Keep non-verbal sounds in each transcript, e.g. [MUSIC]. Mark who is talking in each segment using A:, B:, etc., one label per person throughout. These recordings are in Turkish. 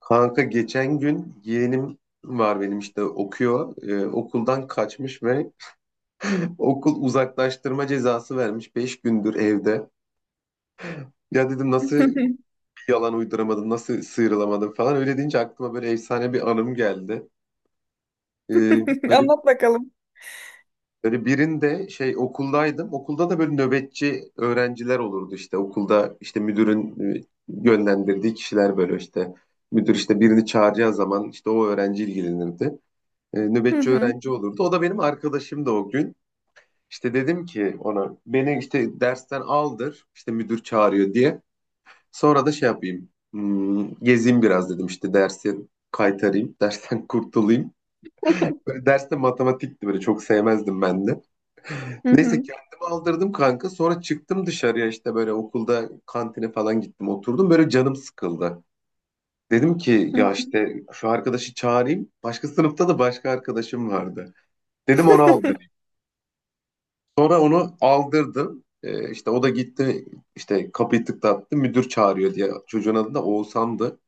A: Kanka geçen gün yeğenim var benim işte okuyor. Okuldan kaçmış ve [LAUGHS] okul uzaklaştırma cezası vermiş. 5 gündür evde. Ya dedim nasıl bir
B: [LAUGHS]
A: yalan uyduramadım, nasıl sıyrılamadım falan. Öyle deyince aklıma böyle efsane bir anım geldi. Ee, böyle,
B: Anlat bakalım.
A: böyle birinde şey okuldaydım. Okulda da böyle nöbetçi öğrenciler olurdu işte. Okulda işte müdürün yönlendirdiği kişiler böyle işte. Müdür işte birini çağıracağı zaman işte o öğrenci ilgilenirdi. Nöbetçi
B: hı.
A: öğrenci olurdu. O da benim arkadaşımdı o gün. İşte dedim ki ona beni işte dersten aldır işte müdür çağırıyor diye. Sonra da şey yapayım, gezeyim biraz dedim işte dersi kaytarayım, [LAUGHS] dersten kurtulayım. Böyle derste matematikti, böyle çok sevmezdim ben de.
B: Hı
A: Neyse
B: hı.
A: kendimi aldırdım kanka, sonra çıktım dışarıya, işte böyle okulda kantine falan gittim, oturdum, böyle canım sıkıldı. Dedim ki
B: Hı hı.
A: ya işte şu arkadaşı çağırayım. Başka sınıfta da başka arkadaşım vardı. Dedim onu aldır. Sonra onu aldırdım. İşte o da gitti, işte kapıyı tıklattı müdür çağırıyor diye. Çocuğun adı da Oğuzhan'dı.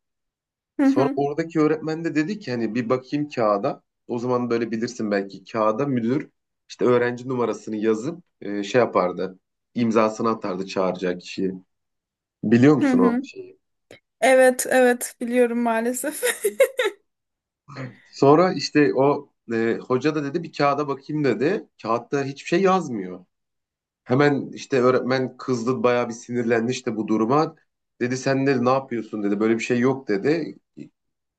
B: Hı
A: Sonra
B: hı.
A: oradaki öğretmen de dedi ki hani bir bakayım kağıda. O zaman böyle bilirsin, belki kağıda müdür işte öğrenci numarasını yazıp şey yapardı. İmzasını atardı çağıracak kişiyi. Biliyor
B: Hı
A: musun o
B: hı.
A: şeyi?
B: Evet, evet biliyorum maalesef. [LAUGHS]
A: Sonra işte o hoca da dedi bir kağıda bakayım dedi. Kağıtta hiçbir şey yazmıyor. Hemen işte öğretmen kızdı, bayağı bir sinirlendi işte bu duruma. Dedi sen dedi ne yapıyorsun dedi, böyle bir şey yok dedi.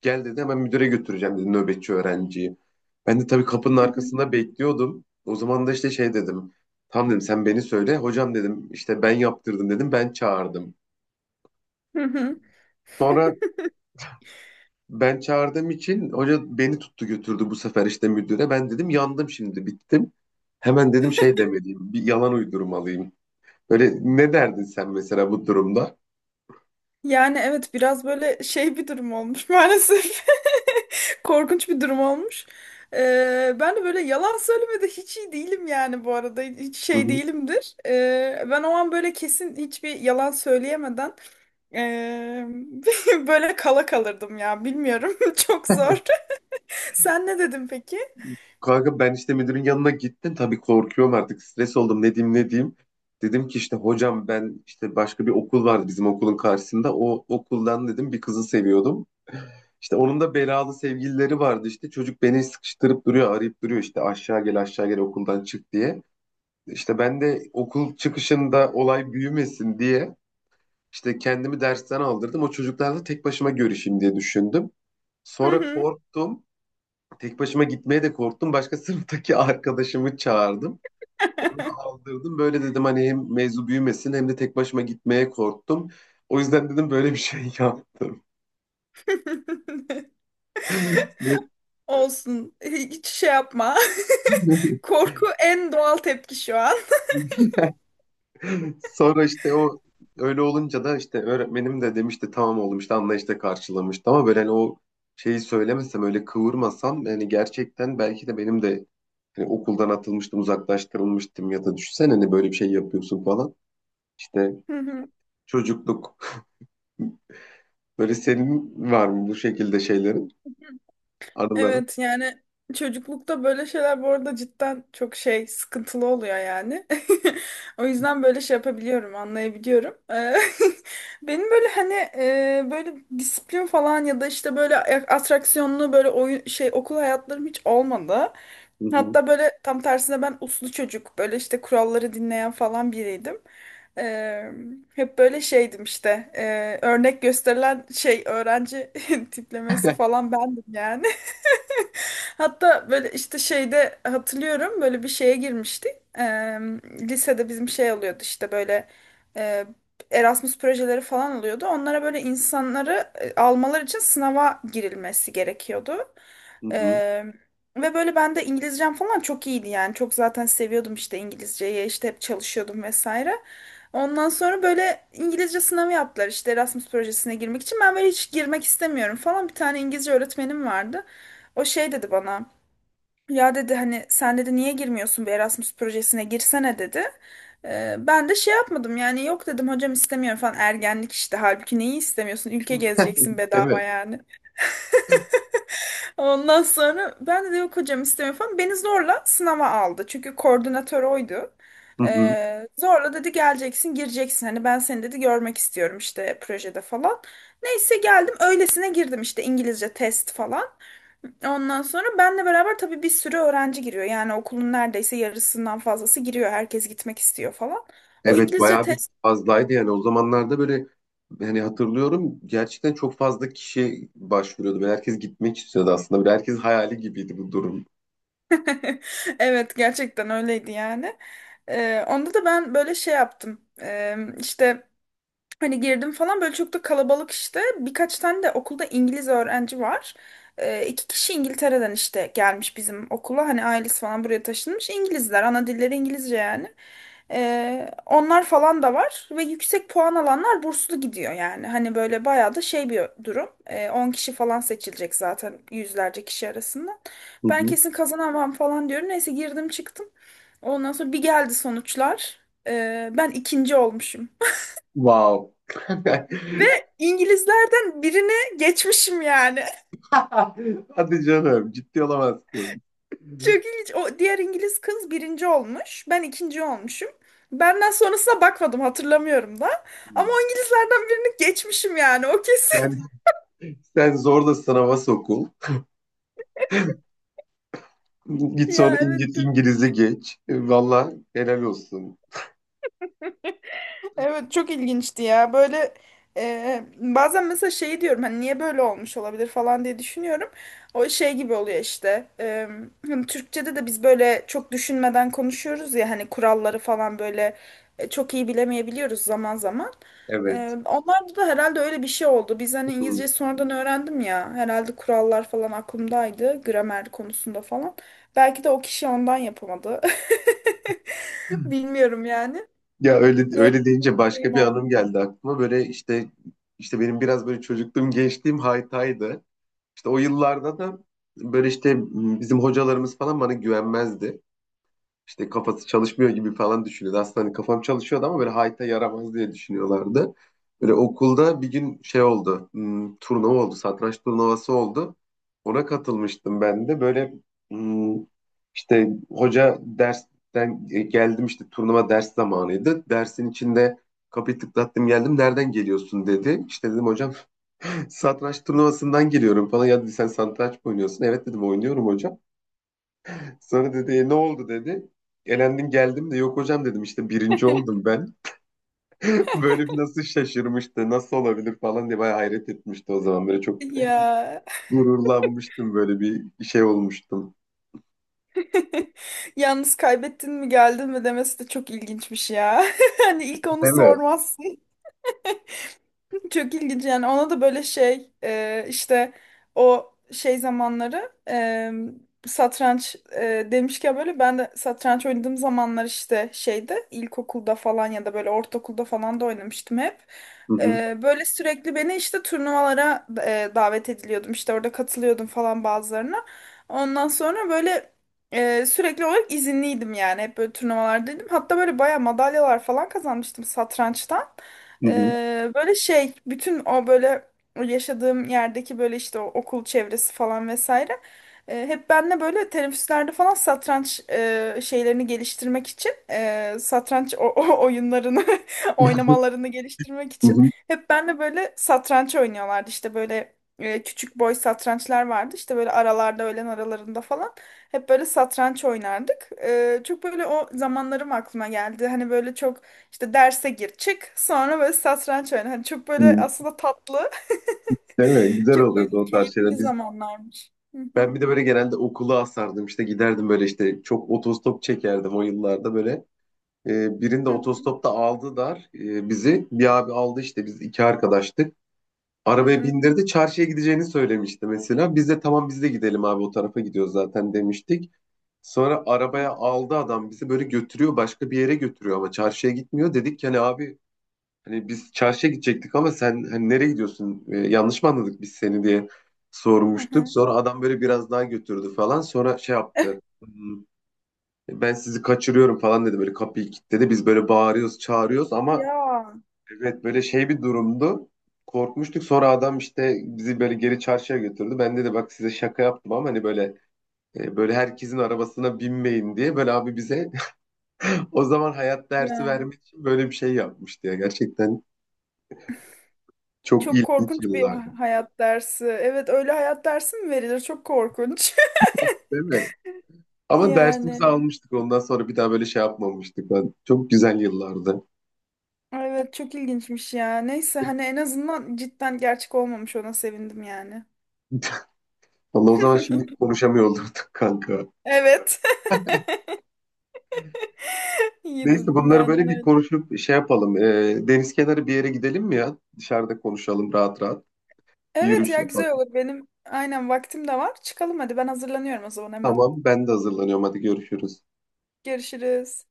A: Gel dedi, hemen müdüre götüreceğim dedi nöbetçi öğrenciyi. Ben de tabii kapının
B: Hı hı.
A: arkasında bekliyordum. O zaman da işte şey dedim. Tamam dedim, sen beni söyle. Hocam dedim işte ben yaptırdım dedim, ben çağırdım.
B: Hı hı.
A: Sonra ben çağırdığım için hoca beni tuttu, götürdü bu sefer işte müdüre. Ben dedim yandım şimdi, bittim. Hemen dedim şey demeliyim, bir yalan uydurmalıyım. Böyle ne derdin sen mesela bu durumda?
B: Yani evet biraz böyle şey bir durum olmuş maalesef. [LAUGHS] Korkunç bir durum olmuş. Ben de böyle yalan söylemede hiç iyi değilim yani bu arada. Hiç
A: Hı
B: şey
A: hı.
B: değilimdir. Ben o an böyle kesin hiçbir yalan söyleyemeden ee, [LAUGHS] böyle kala kalırdım ya. Bilmiyorum. [LAUGHS] Çok zor. Sen ne dedin peki?
A: Kanka ben işte müdürün yanına gittim. Tabii korkuyorum artık. Stres oldum. Ne diyeyim ne diyeyim. Dedim ki işte hocam, ben işte başka bir okul vardı bizim okulun karşısında. O okuldan dedim bir kızı seviyordum. İşte onun da belalı sevgilileri vardı işte. Çocuk beni sıkıştırıp duruyor, arayıp duruyor işte aşağı gel aşağı gel okuldan çık diye. İşte ben de okul çıkışında olay büyümesin diye işte kendimi dersten aldırdım. O çocuklarla tek başıma görüşeyim diye düşündüm.
B: Hı
A: Sonra
B: hı.
A: korktum. Tek başıma gitmeye de korktum. Başka [LAUGHS] sınıftaki arkadaşımı çağırdım. Onu da aldırdım. Böyle dedim hani hem mevzu büyümesin, hem de tek başıma gitmeye korktum. O yüzden dedim böyle bir şey yaptım.
B: [LAUGHS]
A: Ve
B: Olsun. Hiç şey yapma.
A: [LAUGHS]
B: [LAUGHS] Korku en doğal tepki şu an.
A: sonra işte o öyle olunca da işte öğretmenim de demişti tamam oğlum işte, anlayışla karşılamıştı, ama böyle hani o şeyi söylemesem, öyle kıvırmasam yani, gerçekten belki de benim de hani okuldan atılmıştım, uzaklaştırılmıştım, ya da düşünsene hani böyle bir şey yapıyorsun falan. İşte
B: [LAUGHS] Hı hı.
A: çocukluk. Böyle senin var mı bu şekilde şeylerin, anıların?
B: Evet yani çocuklukta böyle şeyler bu arada cidden çok şey sıkıntılı oluyor yani. [LAUGHS] O yüzden böyle şey yapabiliyorum, anlayabiliyorum. [LAUGHS] Benim böyle hani böyle disiplin falan ya da işte böyle atraksiyonlu böyle oyun şey okul hayatlarım hiç olmadı.
A: Hı hı,
B: Hatta böyle tam tersine ben uslu çocuk böyle işte kuralları dinleyen falan biriydim. Eee, Hep böyle şeydim işte örnek gösterilen şey öğrenci [LAUGHS] tiplemesi falan bendim yani. Hatta böyle işte şeyde hatırlıyorum böyle bir şeye girmiştik. Eee, Lisede bizim şey oluyordu işte böyle eee, Erasmus projeleri falan oluyordu. Onlara böyle insanları almalar için sınava girilmesi gerekiyordu.
A: hı hı.
B: Eee, Ve böyle ben de İngilizcem falan çok iyiydi yani. Çok zaten seviyordum işte İngilizceyi işte hep çalışıyordum vesaire. Ondan sonra böyle İngilizce sınavı yaptılar işte Erasmus projesine girmek için. Ben böyle hiç girmek istemiyorum falan. Bir tane İngilizce öğretmenim vardı. O şey dedi bana. Ya dedi hani sen dedi niye girmiyorsun bir Erasmus projesine girsene dedi. Ben de şey yapmadım yani yok dedim hocam istemiyorum falan ergenlik işte halbuki neyi istemiyorsun ülke gezeceksin
A: [LAUGHS] Evet.
B: bedava yani. [LAUGHS] Ondan sonra ben de yok hocam istemiyorum falan beni zorla sınava aldı çünkü koordinatör oydu.
A: Hı hı.
B: Zorla dedi geleceksin gireceksin hani ben seni dedi görmek istiyorum işte projede falan. Neyse geldim öylesine girdim işte İngilizce test falan. Ondan sonra benle beraber tabii bir sürü öğrenci giriyor. Yani okulun neredeyse yarısından fazlası giriyor. Herkes gitmek istiyor falan. O
A: Evet,
B: İngilizce
A: bayağı bir
B: test
A: fazlaydı yani o zamanlarda böyle, hani hatırlıyorum gerçekten çok fazla kişi başvuruyordu ve herkes gitmek istiyordu aslında. Böyle herkes hayali gibiydi bu durum.
B: [LAUGHS] evet gerçekten öyleydi yani. Onda da ben böyle şey yaptım. İşte hani girdim falan böyle çok da kalabalık işte. Birkaç tane de okulda İngiliz öğrenci var. İki kişi İngiltere'den işte gelmiş bizim okula. Hani ailesi falan buraya taşınmış. İngilizler. Ana dilleri İngilizce yani. Onlar falan da var. Ve yüksek puan alanlar burslu gidiyor yani. Hani böyle bayağı da şey bir durum. 10 kişi falan seçilecek zaten yüzlerce kişi arasından.
A: Hı
B: Ben
A: hı.
B: kesin kazanamam falan diyorum. Neyse girdim çıktım. Ondan sonra bir geldi sonuçlar. Ben ikinci olmuşum.
A: Wow. [LAUGHS]
B: Ve İngilizlerden birine geçmişim yani. [LAUGHS]
A: Hadi canım, ciddi olamazsın.
B: Çok ilginç. O diğer İngiliz kız birinci olmuş. Ben ikinci olmuşum. Benden sonrasına bakmadım hatırlamıyorum da. Ama o İngilizlerden birini geçmişim yani o kesin.
A: Sen,
B: [LAUGHS]
A: sen zorla sınava sokul. Git sonra
B: Ya evet çok
A: İngilizce geç. Valla helal olsun.
B: evet çok ilginçti ya. Böyle bazen mesela şey diyorum hani niye böyle olmuş olabilir falan diye düşünüyorum. O şey gibi oluyor işte. Hani Türkçe'de de biz böyle çok düşünmeden konuşuyoruz ya hani kuralları falan böyle çok iyi bilemeyebiliyoruz zaman zaman. E,
A: Evet.
B: Onlarda da herhalde öyle bir şey oldu. Biz hani
A: Hı.
B: İngilizce sonradan öğrendim ya. Herhalde kurallar falan aklımdaydı. Gramer konusunda falan. Belki de o kişi ondan yapamadı. [LAUGHS] Bilmiyorum yani.
A: Ya öyle
B: Öyle
A: öyle deyince
B: bir şeyim
A: başka bir
B: olmuş.
A: anım geldi aklıma. Böyle işte benim biraz böyle çocukluğum gençliğim haytaydı. İşte o yıllarda da böyle işte bizim hocalarımız falan bana güvenmezdi, işte kafası çalışmıyor gibi falan düşünüyordu. Aslında hani kafam çalışıyordu ama böyle hayta yaramaz diye düşünüyorlardı. Böyle okulda bir gün şey oldu. Turnuva oldu. Satranç turnuvası oldu. Ona katılmıştım ben de. Böyle hmm, işte hoca dersten geldim, işte turnuva ders zamanıydı. Dersin içinde kapıyı tıklattım geldim. Nereden geliyorsun dedi. İşte dedim hocam, [LAUGHS] satranç turnuvasından geliyorum falan. Ya dedi sen satranç mı oynuyorsun? Evet dedim, oynuyorum hocam. Sonra dedi E, ne oldu dedi. Elendin geldim de, yok hocam dedim işte birinci oldum ben. [LAUGHS] Böyle bir nasıl şaşırmıştı, nasıl olabilir falan diye bayağı hayret etmişti o zaman. Böyle çok
B: Ya
A: gururlanmıştım, böyle bir şey olmuştum.
B: [LAUGHS] yalnız kaybettin mi geldin mi demesi de çok ilginçmiş ya. [LAUGHS] Hani ilk onu
A: Evet.
B: sormazsın. Çok ilginç yani ona da böyle şey işte o şey zamanları satranç demişken böyle ben de satranç oynadığım zamanlar işte şeyde ilkokulda falan ya da böyle ortaokulda falan da oynamıştım hep.
A: Hı hı,
B: Böyle sürekli beni işte turnuvalara davet ediliyordum işte orada katılıyordum falan bazılarına. Ondan sonra böyle sürekli olarak izinliydim yani hep böyle turnuvalardaydım. Hatta böyle baya madalyalar falan kazanmıştım satrançtan.
A: hı hı,
B: Böyle şey bütün o böyle yaşadığım yerdeki böyle işte o okul çevresi falan vesaire hep benle böyle teneffüslerde falan satranç şeylerini geliştirmek için satranç o oyunlarını [LAUGHS] oynamalarını geliştirmek
A: hı
B: için
A: hı,
B: hep benle böyle satranç oynuyorlardı işte böyle küçük boy satrançlar vardı işte böyle aralarda öğlen aralarında falan hep böyle satranç oynardık. Çok böyle o zamanlarım aklıma geldi hani böyle çok işte derse gir çık sonra böyle satranç oyna. Hani çok böyle
A: hı.
B: aslında tatlı. [LAUGHS]
A: Değil mi? Güzel
B: Çok böyle
A: oluyordu o tarz şeyler.
B: keyifli zamanlarmış. Hı,
A: Ben bir de böyle genelde okulu asardım, işte giderdim, böyle işte çok otostop çekerdim o yıllarda böyle. Birinde
B: hı
A: otostopta aldı bizi. Bir abi aldı, işte biz iki arkadaştık.
B: hı,
A: Arabaya
B: hı
A: bindirdi. Çarşıya gideceğini söylemişti mesela. Biz de tamam, biz de gidelim abi, o tarafa gidiyoruz zaten demiştik. Sonra
B: hı,
A: arabaya aldı adam bizi, böyle götürüyor, başka bir yere götürüyor ama çarşıya gitmiyor. Dedik ki hani abi, hani biz çarşıya gidecektik ama sen hani nereye gidiyorsun? Yanlış mı anladık biz seni diye
B: hı
A: sormuştuk.
B: hı.
A: Sonra adam böyle biraz daha götürdü falan. Sonra şey yaptı.
B: [LAUGHS]
A: Ben sizi kaçırıyorum falan dedi, böyle kapıyı kilitledi. Biz böyle bağırıyoruz, çağırıyoruz ama.
B: Ya
A: Evet böyle şey bir durumdu. Korkmuştuk, sonra adam işte bizi böyle geri çarşıya götürdü. Ben dedi bak size şaka yaptım ama hani böyle böyle herkesin arabasına binmeyin diye, böyle abi bize [LAUGHS] o zaman hayat dersi
B: ya,
A: vermek için böyle bir şey yapmıştı ya. Gerçekten çok
B: çok
A: ilginç
B: korkunç bir
A: yıllar.
B: ha- hayat dersi. Evet öyle hayat dersi mi verilir? Çok korkunç. [LAUGHS]
A: Değil mi? Ama dersimizi
B: Yani
A: almıştık, ondan sonra bir daha böyle şey yapmamıştık. Çok güzel yıllardı.
B: evet çok ilginçmiş ya. Neyse hani en azından cidden gerçek olmamış ona sevindim yani.
A: [LAUGHS] Vallahi o zaman şimdi
B: [LAUGHS]
A: konuşamıyor olurduk [LAUGHS] kanka.
B: Evet. [LAUGHS] İyi
A: Neyse
B: dedin
A: bunları
B: aynen
A: böyle bir
B: öyle.
A: konuşup şey yapalım. Deniz kenarı bir yere gidelim mi ya? Dışarıda konuşalım rahat rahat. Bir
B: Evet
A: yürüyüş
B: ya
A: yapalım.
B: güzel olur. Benim aynen vaktim de var. Çıkalım hadi ben hazırlanıyorum o zaman hemen.
A: Tamam, ben de hazırlanıyorum. Hadi görüşürüz.
B: Görüşürüz.